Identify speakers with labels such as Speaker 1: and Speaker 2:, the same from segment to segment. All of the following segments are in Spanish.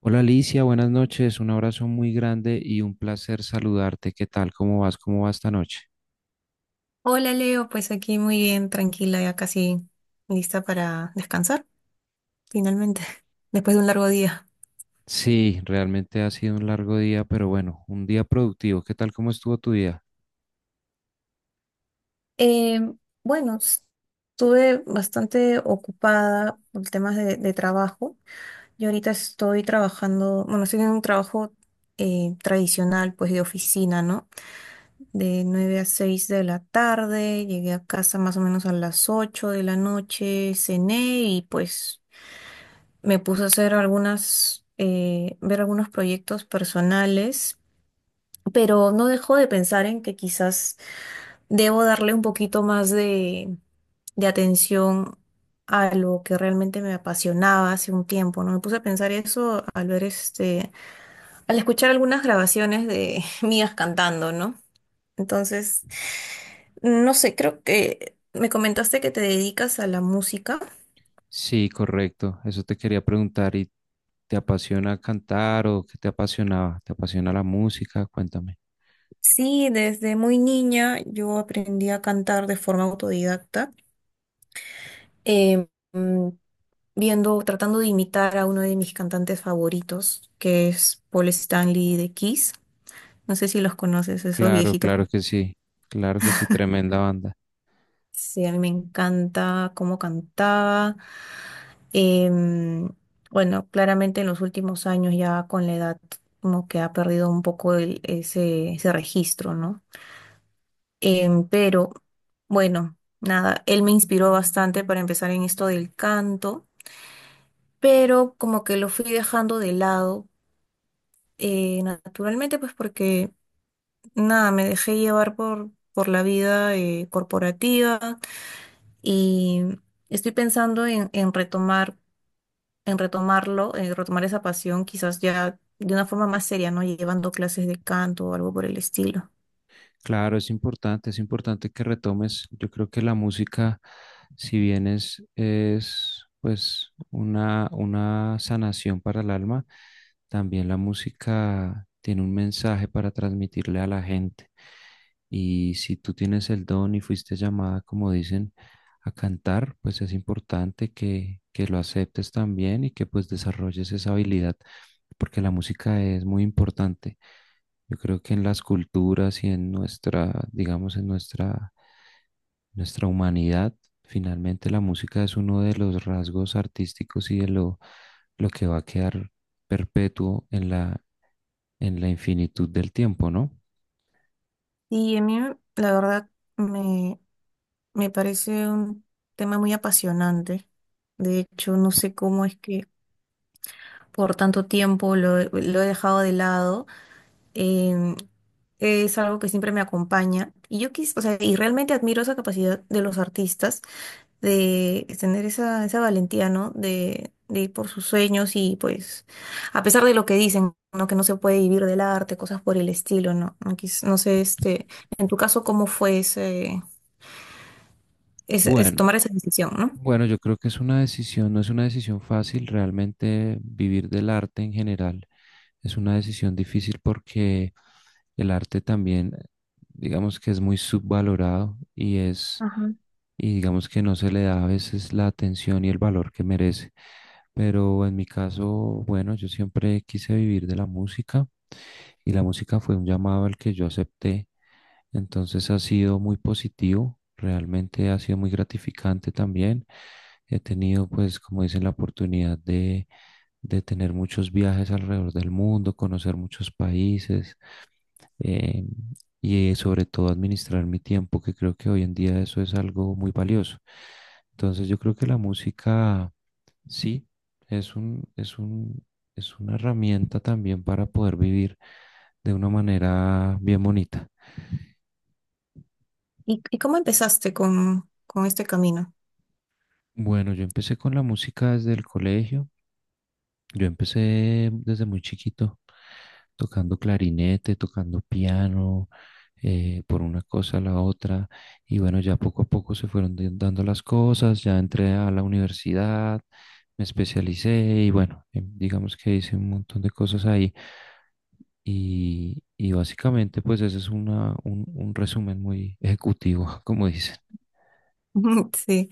Speaker 1: Hola Alicia, buenas noches, un abrazo muy grande y un placer saludarte. ¿Qué tal? ¿Cómo vas? ¿Cómo va esta noche?
Speaker 2: Hola Leo, pues aquí muy bien, tranquila, ya casi lista para descansar, finalmente, después de un largo día.
Speaker 1: Sí, realmente ha sido un largo día, pero bueno, un día productivo. ¿Qué tal? ¿Cómo estuvo tu día?
Speaker 2: Eh, bueno, estuve bastante ocupada por temas de trabajo. Yo ahorita estoy trabajando, bueno, estoy en un trabajo tradicional, pues de oficina, ¿no? De 9 a 6 de la tarde, llegué a casa más o menos a las 8 de la noche, cené y pues me puse a hacer ver algunos proyectos personales, pero no dejo de pensar en que quizás debo darle un poquito más de atención a lo que realmente me apasionaba hace un tiempo, ¿no? Me puse a pensar eso al escuchar algunas grabaciones de mías cantando, ¿no? Entonces, no sé, creo que me comentaste que te dedicas a la música.
Speaker 1: Sí, correcto. Eso te quería preguntar. ¿Y te apasiona cantar o qué te apasionaba? ¿Te apasiona la música? Cuéntame.
Speaker 2: Sí, desde muy niña yo aprendí a cantar de forma autodidacta, eh, mm, tratando de imitar a uno de mis cantantes favoritos, que es Paul Stanley de Kiss. No sé si los conoces, esos
Speaker 1: Claro,
Speaker 2: viejitos.
Speaker 1: claro que sí. Claro que sí, tremenda banda.
Speaker 2: Sí, a mí me encanta cómo cantaba. Em, bueno, claramente en los últimos años ya con la edad como que ha perdido un poco ese registro, ¿no? Pero bueno, nada, él me inspiró bastante para empezar en esto del canto, pero como que lo fui dejando de lado, naturalmente, pues porque nada, me dejé llevar por la vida corporativa y estoy pensando en retomar, en retomar esa pasión, quizás ya de una forma más seria, ¿no? Llevando clases de canto o algo por el estilo.
Speaker 1: Claro, es importante que retomes. Yo creo que la música, si bien es pues una sanación para el alma, también la música tiene un mensaje para transmitirle a la gente. Y si tú tienes el don y fuiste llamada, como dicen, a cantar, pues es importante que lo aceptes también y que pues desarrolles esa habilidad, porque la música es muy importante. Yo creo que en las culturas y en nuestra, digamos, en nuestra humanidad, finalmente la música es uno de los rasgos artísticos y de lo que va a quedar perpetuo en en la infinitud del tiempo, ¿no?
Speaker 2: Y a mí, la verdad, me parece un tema muy apasionante. De hecho, no sé cómo es que por tanto tiempo lo he dejado de lado. Em, es algo que siempre me acompaña. Y o sea, y realmente admiro esa capacidad de los artistas de tener esa valentía, ¿no? De ir por sus sueños y pues, a pesar de lo que dicen, ¿no? Que no se puede vivir del arte, cosas por el estilo, ¿no? No, no sé, este, en tu caso, ¿cómo fue es
Speaker 1: Bueno,
Speaker 2: tomar esa decisión? ¿No?
Speaker 1: Bueno, yo creo que es una decisión, no es una decisión fácil realmente vivir del arte en general. Es una decisión difícil porque el arte también, digamos que es muy subvalorado y es, y digamos que no se le da a veces la atención y el valor que merece. Pero en mi caso, bueno, yo siempre quise vivir de la música y la música fue un llamado al que yo acepté, entonces ha sido muy positivo, realmente ha sido muy gratificante también. He tenido, pues, como dicen, la oportunidad de tener muchos viajes alrededor del mundo, conocer muchos países eh, y sobre todo administrar mi tiempo, que creo que hoy en día eso es algo muy valioso. Entonces yo creo que la música, sí, es un, es un, es una herramienta también para poder vivir de una manera bien bonita.
Speaker 2: ¿Y cómo empezaste con este camino?
Speaker 1: Bueno, yo empecé con la música desde el colegio. Yo empecé desde muy chiquito, tocando clarinete, tocando piano, por una cosa a la otra. Y bueno, ya poco a poco se fueron dando las cosas. Ya entré a la universidad, me especialicé y bueno, digamos que hice un montón de cosas ahí. Y básicamente, pues ese es un resumen muy ejecutivo, como dicen.
Speaker 2: Sí.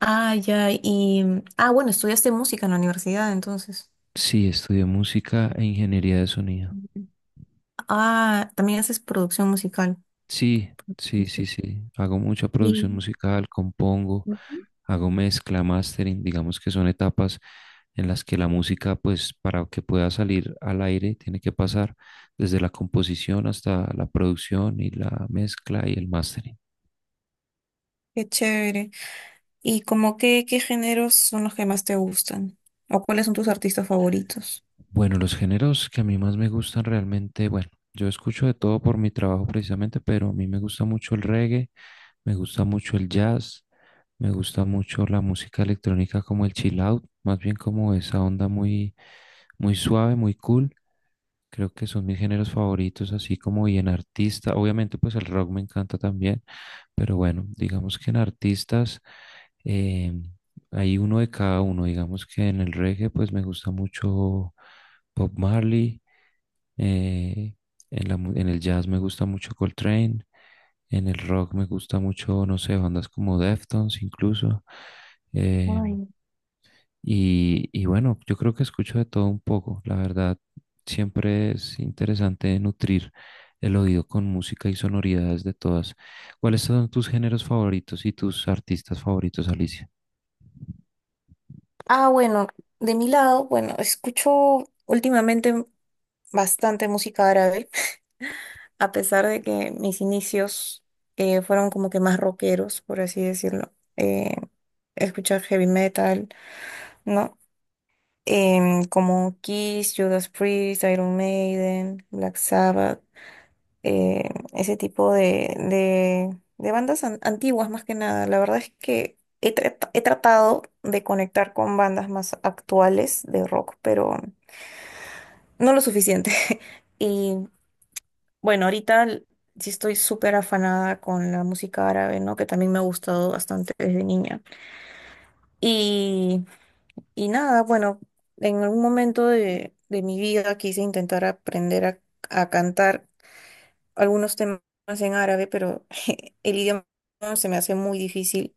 Speaker 2: Ah, ya. Y, ah, bueno, estudiaste música en la universidad, entonces.
Speaker 1: Sí, estudié música e ingeniería de sonido.
Speaker 2: Ujú. Ah, también haces producción musical.
Speaker 1: Sí, sí, sí,
Speaker 2: Ujú.
Speaker 1: sí. Hago mucha
Speaker 2: Y
Speaker 1: producción musical, compongo,
Speaker 2: ujú.
Speaker 1: hago mezcla, mastering, digamos que son etapas en las que la música, pues para que pueda salir al aire, tiene que pasar desde la composición hasta la producción y la mezcla y el mastering.
Speaker 2: Qué chévere. ¿Y como qué géneros son los que más te gustan? ¿O cuáles son tus artistas favoritos?
Speaker 1: Bueno, los géneros que a mí más me gustan realmente, bueno, yo escucho de todo por mi trabajo precisamente, pero a mí me gusta mucho el reggae. Me gusta mucho el jazz, me gusta mucho la música electrónica como el chill out, más bien como esa onda muy, muy suave, muy cool. Creo que son mis géneros favoritos, así como y en artista. Obviamente, pues el rock me encanta también, pero bueno, digamos que en artistas eh, hay uno de cada uno. Digamos que en el reggae, pues me gusta mucho Bob Marley. Eh, en la en el jazz me gusta mucho Coltrane. En el rock me gusta mucho, no sé, bandas como Deftones incluso. Eh,
Speaker 2: Ay.
Speaker 1: y bueno, yo creo que escucho de todo un poco. La verdad, siempre es interesante nutrir el oído con música y sonoridades de todas. ¿Cuáles son tus géneros favoritos y tus artistas favoritos, Alicia?
Speaker 2: Ah, bueno, de mi lado, bueno, escucho últimamente bastante música árabe. A pesar de que mis inicios fueron como que más rockeros, por así decirlo, eh, escuchar heavy metal, ¿no? Como Kiss, Judas Priest, Iron Maiden, Black Sabbath, ese tipo de bandas antiguas más que nada. La verdad es que he tratado de conectar con bandas más actuales de rock, pero no lo suficiente. Y bueno, ahorita sí estoy súper afanada con la música árabe, ¿no? Que también me ha gustado bastante desde niña. Y, y nada, bueno, en algún momento de mi vida quise intentar aprender a cantar algunos temas en árabe, pero el idioma se me hace muy difícil.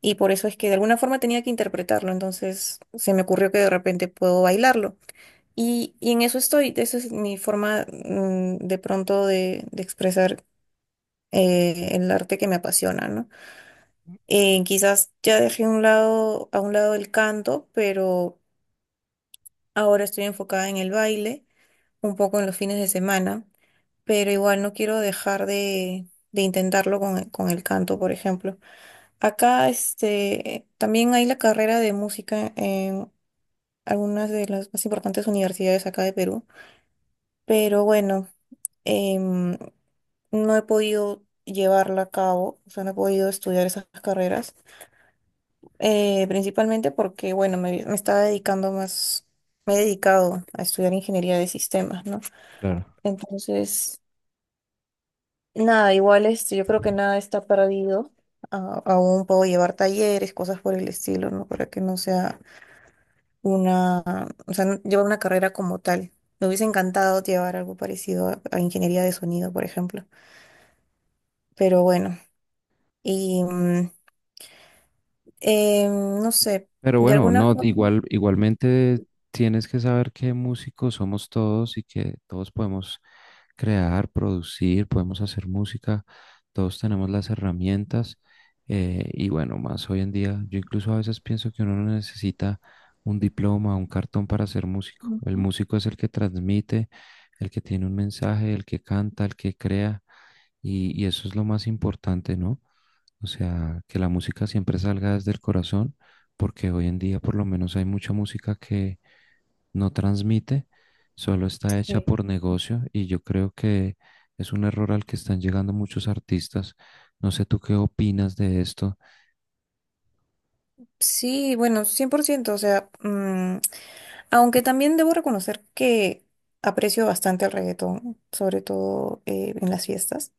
Speaker 2: Y por eso es que de alguna forma tenía que interpretarlo, entonces se me ocurrió que de repente puedo bailarlo. Y en eso estoy, esa es mi forma de pronto de expresar en el arte que me apasiona, ¿no? Quizás ya dejé a un lado el canto, pero ahora estoy enfocada en el baile, un poco en los fines de semana, pero igual no quiero dejar de intentarlo con el canto, por ejemplo. Acá, este, también hay la carrera de música en algunas de las más importantes universidades acá de Perú, pero bueno em, no he podido llevarla a cabo, o sea, no he podido estudiar esas carreras. Principalmente porque, bueno, me estaba dedicando más, me he dedicado a estudiar ingeniería de sistemas, ¿no?
Speaker 1: Claro.
Speaker 2: Entonces, nada, igual este, yo creo que nada está perdido. Aún puedo llevar talleres, cosas por el estilo, ¿no? Para que no sea una, o sea, llevar una carrera como tal. Me hubiese encantado llevar algo parecido a ingeniería de sonido, por ejemplo. Pero bueno, y mm, no sé,
Speaker 1: Pero
Speaker 2: de
Speaker 1: bueno,
Speaker 2: alguna
Speaker 1: no,
Speaker 2: forma.
Speaker 1: igual, igualmente tienes que saber que músicos somos todos y que todos podemos crear, producir, podemos hacer música, todos tenemos las herramientas y bueno, más hoy en día, yo incluso a veces pienso que uno no necesita un diploma, un cartón para ser músico. El
Speaker 2: Ujú.
Speaker 1: músico es el que transmite, el que tiene un mensaje, el que canta, el que crea y eso es lo más importante, ¿no? O sea, que la música siempre salga desde el corazón, porque hoy en día por lo menos hay mucha música que no transmite, solo está hecha por
Speaker 2: Sí.
Speaker 1: negocio y yo creo que es un error al que están llegando muchos artistas. No sé tú qué opinas de esto.
Speaker 2: Sí, bueno, 100%. O sea, aunque también debo reconocer que aprecio bastante el reggaetón, sobre todo en las fiestas.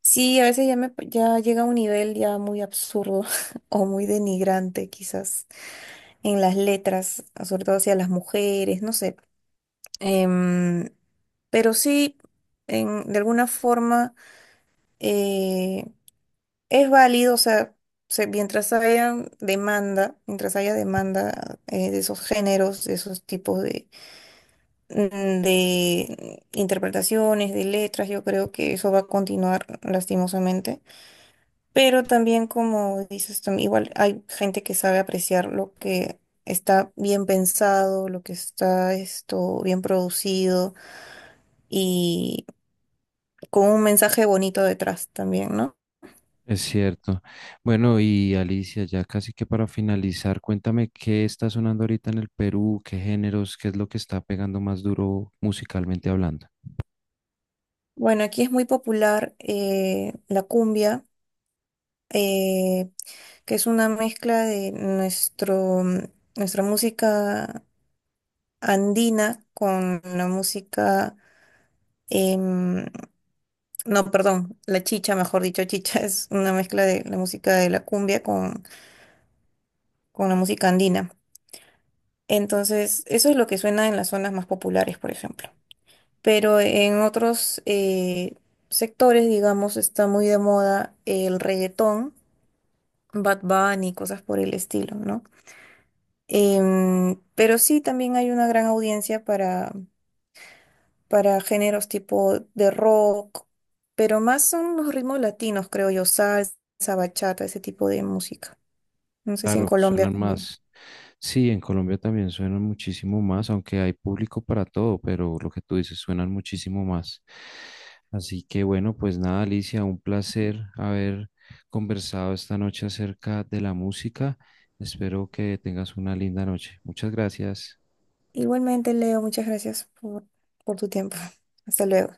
Speaker 2: Sí, a veces ya llega a un nivel ya muy absurdo o muy denigrante quizás en las letras, sobre todo hacia las mujeres, no sé. Em, pero sí, de alguna forma. eh, Es válido, o sea, mientras haya demanda de esos géneros, de esos tipos de interpretaciones, de letras, yo creo que eso va a continuar lastimosamente. Pero también, como dices, igual hay gente que sabe apreciar lo que está bien pensado, lo que está esto bien producido y con un mensaje bonito detrás también, ¿no?
Speaker 1: Es cierto. Bueno, y Alicia, ya casi que para finalizar, cuéntame qué está sonando ahorita en el Perú, qué géneros, qué es lo que está pegando más duro musicalmente hablando.
Speaker 2: Bueno, aquí es muy popular la cumbia. eh, que es una mezcla de nuestra música andina con la música. em, no, perdón, la chicha, mejor dicho, chicha es una mezcla de la música de la cumbia con la música andina. Entonces, eso es lo que suena en las zonas más populares, por ejemplo. Pero en otros sectores, digamos, está muy de moda el reggaetón, Bad Bunny, cosas por el estilo, ¿no? Pero sí, también hay una gran audiencia para géneros tipo de rock, pero más son los ritmos latinos, creo yo, salsa, bachata, ese tipo de música. No sé si en
Speaker 1: Claro,
Speaker 2: Colombia
Speaker 1: suenan
Speaker 2: también.
Speaker 1: más. Sí, en Colombia también suenan muchísimo más, aunque hay público para todo, pero lo que tú dices suenan muchísimo más. Así que bueno, pues nada, Alicia, un placer haber conversado esta noche acerca de la música. Espero que tengas una linda noche. Muchas gracias.
Speaker 2: Igualmente, Leo, muchas gracias por tu tiempo. Hasta luego.